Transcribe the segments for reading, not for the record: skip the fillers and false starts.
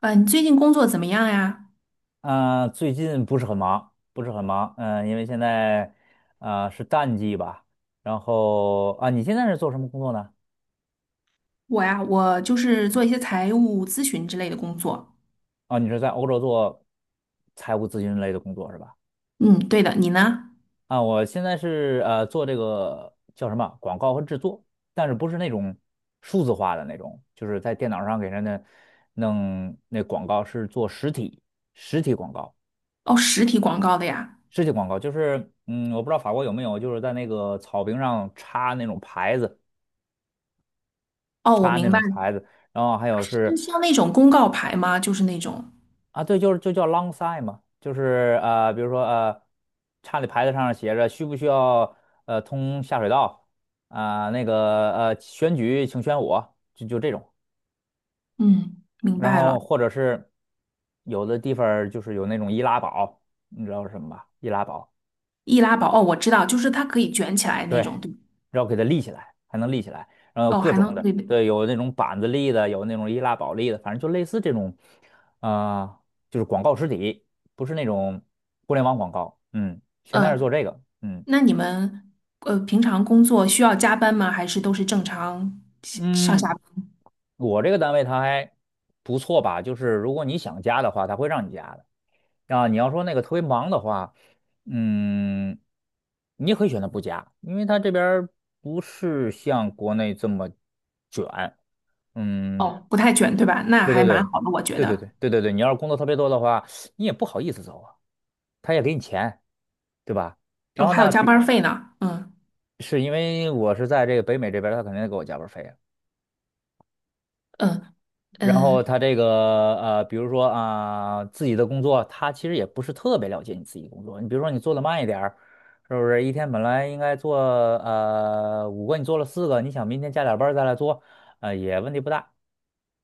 你最近工作怎么样呀？嗯，最近不是很忙，不是很忙，因为现在是淡季吧。然后啊，你现在是做什么工作呢？我就是做一些财务咨询之类的工作。啊，你是在欧洲做财务咨询类的工作是吧？嗯，对的，你呢？啊，我现在是做这个叫什么广告和制作，但是不是那种数字化的那种，就是在电脑上给人家弄那广告，是做实体广告，哦，实体广告的呀。实体广告就是我不知道法国有没有，就是在那个草坪上插那种牌子。哦，我插那明白种了。牌子，然后还有就是像那种公告牌吗？就是那种，啊，对，就叫 long sign 嘛，就是比如说插的牌子上写着需不需要通下水道啊、那个选举请选我，就这种，嗯，明然白后了。或者是有的地方儿就是有那种易拉宝，你知道是什么吧？易拉宝。易拉宝，哦，我知道，就是它可以卷起来对，那种，对。然后给它立起来，还能立起来，然后有哦，各还种能，的，对对，对，有那种板子立的，有那种易拉宝立的，反正就类似这种，啊、就是广告实体，不是那种互联网广告，现在是做嗯，这个。嗯那你们平常工作需要加班吗？还是都是正常上下嗯。班？我这个单位它还不错吧，就是如果你想加的话，它会让你加的，啊，你要说那个特别忙的话，嗯，你也可以选择不加，因为它这边儿不是像国内这么卷。嗯，哦，不太卷，对吧？那对还对蛮对，好的，我觉对对得。对对对对，你要是工作特别多的话，你也不好意思走啊，他也给你钱，对吧？然哦，后还有呢，加班费呢。嗯。是因为我是在这个北美这边儿他肯定给我加班儿费啊。嗯然后嗯，他这个比如说啊、自己的工作，他其实也不是特别了解你自己工作。你比如说你做的慢一点儿，是不是？一天本来应该做五个，你做了四个，你想明天加点班儿再来做，也问题不大。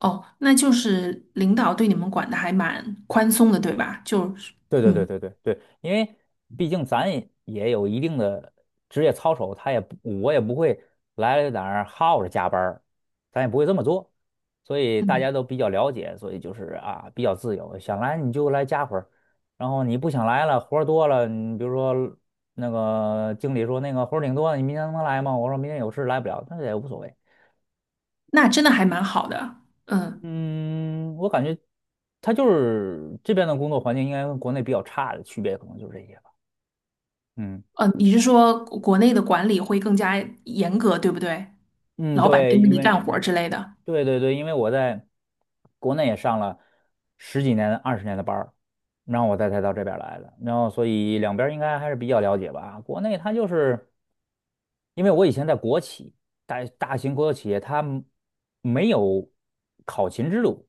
哦，那就是领导对你们管的还蛮宽松的，对吧？就是，对对对嗯对对对，因为毕竟咱也有一定的职业操守，他也不，我也不会来了哪儿耗着加班儿，咱也不会这么做，所以大嗯，家都比较了解，所以就是啊，比较自由，想来你就来加会儿，然后你不想来了，活儿多了，你比如说那个经理说那个活儿挺多的，你明天能来吗？我说明天有事来不了，那也无所谓。那真的还蛮好的。嗯嗯，我感觉他就是这边的工作环境应该跟国内比较差的区别，可能就是这些吧。嗯。嗯，你是说国内的管理会更加严格，对不对？嗯，老板对，盯着因你为干活儿之类的。对对对，因为我在国内也上了十几年、20年的班儿，然后我再才到这边儿来的，然后所以两边儿应该还是比较了解吧。国内它就是因为我以前在国企，大型国有企业，它们没有考勤制度，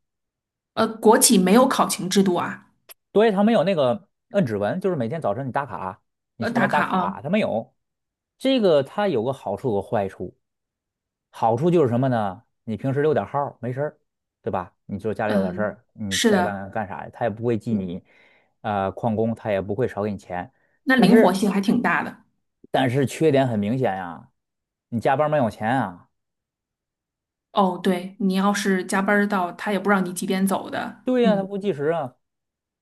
国企没有考勤制度啊。对，它没有那个摁指纹，就是每天早晨你打卡，你下打班打卡卡，啊。它没有。这个它有个好处有个坏处，好处就是什么呢？你平时溜点号儿没事儿，对吧？你就家里有点事嗯，儿，你是该的。干干啥，他也不会记你，旷工，他也不会少给你钱。那但灵活是，性还挺大的。但是缺点很明显呀，你加班没有钱啊？哦，对，你要是加班儿到，他也不知道你几点走的。对呀，他嗯。不计时啊。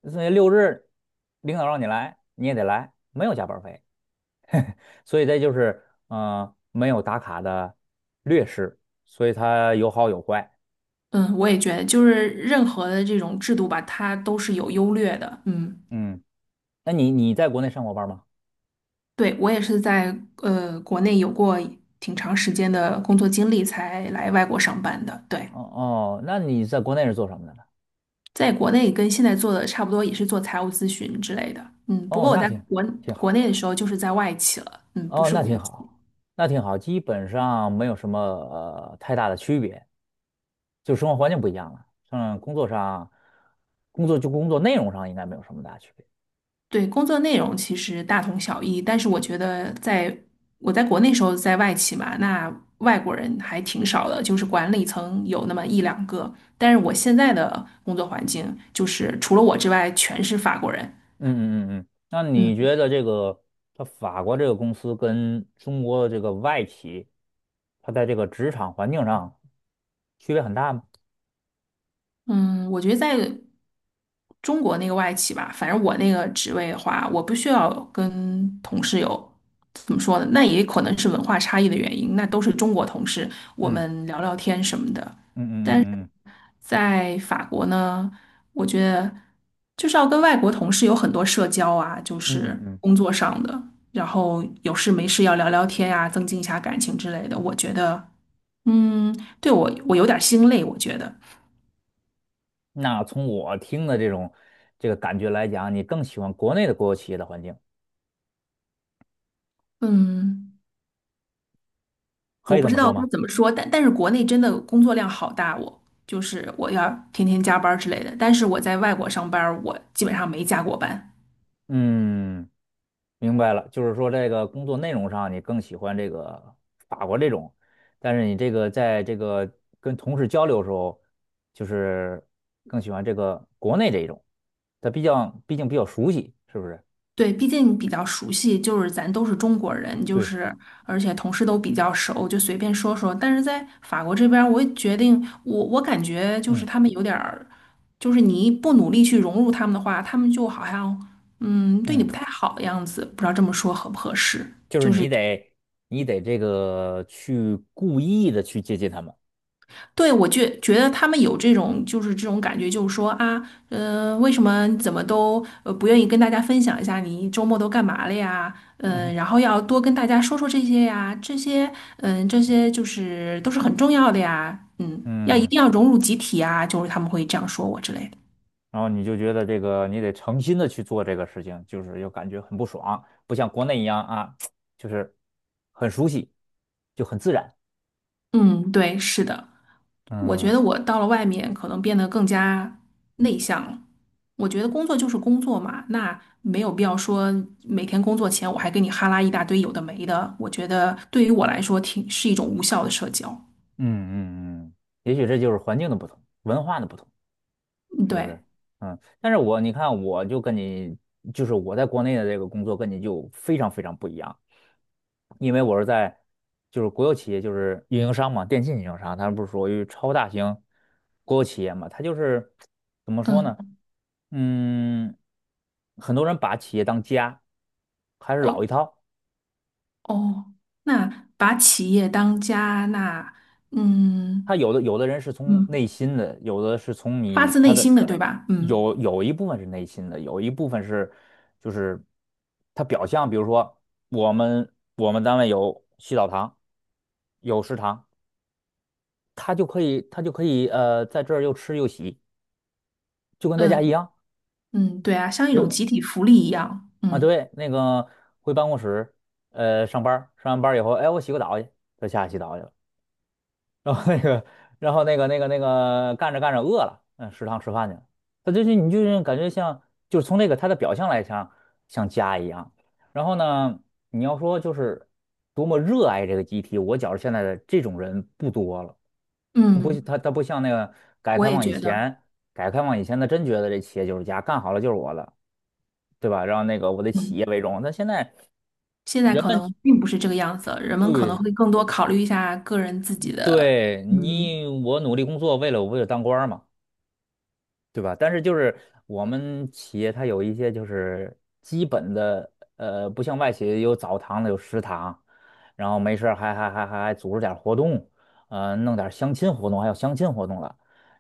所以六日领导让你来，你也得来，没有加班费。所以这就是，没有打卡的劣势。所以它有好有坏。嗯，我也觉得，就是任何的这种制度吧，它都是有优劣的。嗯。嗯，那你在国内上过班吗？对，我也是在国内有过挺长时间的工作经历，才来外国上班的。对，哦哦，那你在国内是做什么的呢？在国内跟现在做的差不多，也是做财务咨询之类的。嗯，不哦，过我那在国挺国好，内的时候就是在外企了，嗯，不哦，是那国挺企。好，那挺好，基本上没有什么太大的区别，就生活环境不一样了。嗯，工作上，工作就工作内容上应该没有什么大区别。对，工作内容其实大同小异，但是我觉得我在国内时候在外企嘛，那外国人还挺少的，就是管理层有那么一两个。但是我现在的工作环境就是除了我之外全是法国人。嗯嗯嗯嗯，那你嗯。觉得这个它法国这个公司跟中国的这个外企，它在这个职场环境上区别很大吗？嗯，我觉得在中国那个外企吧，反正我那个职位的话，我不需要跟同事有怎么说呢？那也可能是文化差异的原因，那都是中国同事，我嗯们聊聊天什么的。嗯但是嗯嗯在法国呢，我觉得就是要跟外国同事有很多社交啊，就嗯嗯嗯是嗯嗯。工作上的，然后有事没事要聊聊天呀、增进一下感情之类的。我觉得，嗯，对我有点儿心累，我觉得，那从我听的这个感觉来讲，你更喜欢国内的国有企业的环境，嗯。可我以不这知么说道该吗？怎么说，但是国内真的工作量好大我，就是我要天天加班儿之类的。但是我在外国上班儿我基本上没加过班。嗯，明白了，就是说这个工作内容上你更喜欢这个法国这种，但是你这个在这个跟同事交流的时候，就是更喜欢这个国内这一种，他毕竟比较熟悉，是不是？对，毕竟比较熟悉，就是咱都是中国人，就对，是而且同事都比较熟，就随便说说。但是在法国这边儿我也决定，我感觉就是嗯他们有点儿，就是你不努力去融入他们的话，他们就好像对你嗯，不太好的样子，不知道这么说合不合适。就是就是。你得这个去故意的去接近他们。对，我觉得他们有这种，就是这种感觉，就是说啊，为什么怎么都不愿意跟大家分享一下你周末都干嘛了呀？嗯然后要多跟大家说说这些呀，这些就是都是很重要的呀，要一嗯。定要融入集体啊，就是他们会这样说我之类的。然后你就觉得这个你得诚心的去做这个事情，就是又感觉很不爽，不像国内一样啊，就是很熟悉，就很自然。嗯，对，是的。我觉嗯得我到了外面，可能变得更加内向了。我觉得工作就是工作嘛，那没有必要说每天工作前我还跟你哈拉一大堆有的没的。我觉得对于我来说挺是一种无效的社交。嗯嗯嗯，也许这就是环境的不同，文化的不同，嗯是不对。是？嗯，但是你看，我就跟你，就是我在国内的这个工作跟你就非常非常不一样，因为我是在国有企业，就是运营商嘛，电信运营商，它不是属于超大型国有企业嘛，它就是怎么说呢？嗯。嗯。很多人把企业当家，还是老哦一套。哦，那把企业当家，那嗯他有的人是从内嗯，心的，有的是从发你自他内的心的，对吧？嗯有一部分是内心的，有一部分是就是他表象，比如说我们单位有洗澡堂，有食堂，他就可以在这儿又吃又洗，就跟在家一嗯样。嗯，对啊，像一呃种集体福利一样。嗯。对，那个回办公室上完班儿以后，哎我洗个澡去，他下去洗澡去了。然后那个，然后那个干着干着饿了，食堂吃饭去了。他就是你就是感觉像，就是从那个他的表象来讲，像家一样。然后呢，你要说就是多么热爱这个集体，我觉着现在的这种人不多了。他不嗯，他他不像那个改革我开也放以觉得。前，改革开放以前他真觉得这企业就是家，干好了就是我的，对吧？然后那个我的企业嗯。为荣。但现在现在人可们能并不是这个样子了，人们可能对会更多考虑一下个人自己的。对嗯。我努力工作，为了当官儿嘛。对吧？但是就是我们企业它有一些就是基本的，呃，不像外企有澡堂子有食堂，然后没事儿还组织点儿活动，弄点儿相亲活动，还有相亲活动了，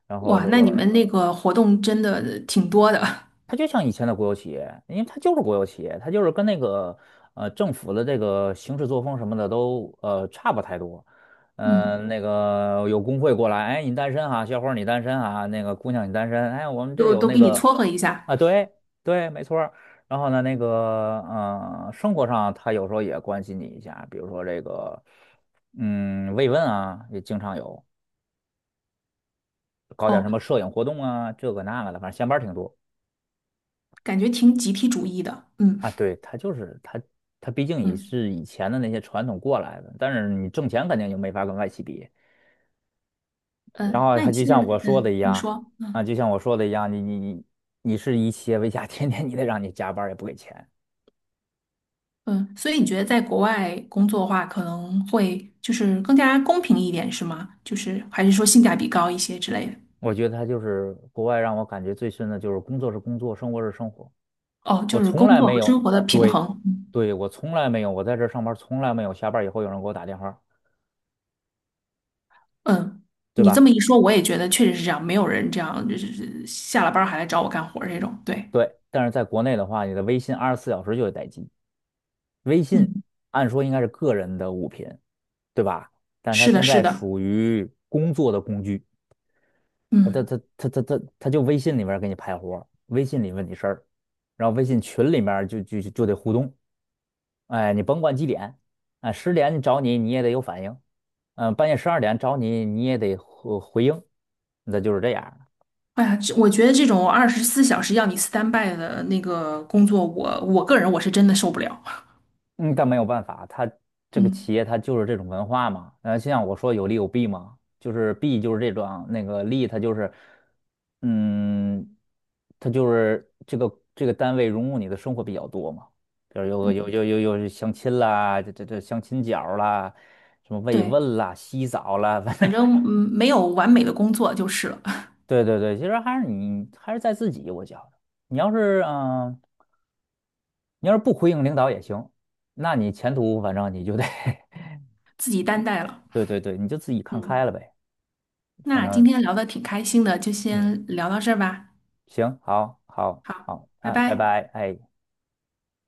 然后哇，这那你个们那个活动真的挺多的。它就像以前的国有企业，因为它就是国有企业，它就是跟那个政府的这个行事作风什么的都差不太多。嗯，那个有工会过来，哎，你单身啊，小伙儿你单身啊，那个姑娘你单身，哎，我们这就有都那给你个撮合一下。啊，对对，没错儿然后呢，那个生活上他有时候也关心你一下，比如说这个慰问啊，也经常有，搞点哦，什么摄影活动啊，这个那个的，反正下班儿挺多。感觉挺集体主义的。嗯啊，对，他毕竟也嗯是以前的那些传统过来的，但是你挣钱肯定就没法跟外企比。然嗯，后那他你就现像在，我说的嗯，一你样，说，啊，嗯就像我说的一样，你是以企业为家，天天你得让你加班儿也不给钱。嗯，所以你觉得在国外工作的话，可能会就是更加公平一点，是吗？就是还是说性价比高一些之类的？我觉得他就是国外让我感觉最深的就是工作是工作，生活是生活。哦，我就是从工来作没和生有，活的平对，衡。对，我从来没有，我在这儿上班儿从来没有下班儿以后有人给我打电话，嗯，对你这吧？么一说，我也觉得确实是这样，没有人这样就是下了班儿还来找我干活儿这种。对，对，但是在国内的话，你的微信24小时就得待机。微信嗯，按说应该是个人的物品，对吧？但是它是的，现是在的。属于工作的工具，嗯。他就微信里面给你派活儿微信里问你事儿，然后微信群里面就得互动，哎，你甭管几点，哎，10点你找你也得有反应，半夜12点找你也得回应，那就是这样。哎呀，这我觉得这种24小时要你 stand by 的那个工作，我个人我是真的受不了。嗯，但没有办法，它这个嗯企业它就是这种文化嘛。就像我说有利有弊嘛，就是弊就是这种，那个利它就是，嗯，它就是这个单位融入你的生活比较多嘛，比如嗯，有相亲啦，这相亲角儿啦，什么慰对，问啦、洗澡啦，反反正 正 没有完美的工作就是了。对对对，其实还是你还是在自己，我觉得你要是你要是不回应领导也行，那你前途反正你就得 自己担待了。对对对，你就自己看开嗯，了呗，反那今正天聊的挺开心的，就嗯，先聊到这儿吧。行，好，好，好，好，拜啊，拜拜。拜，哎。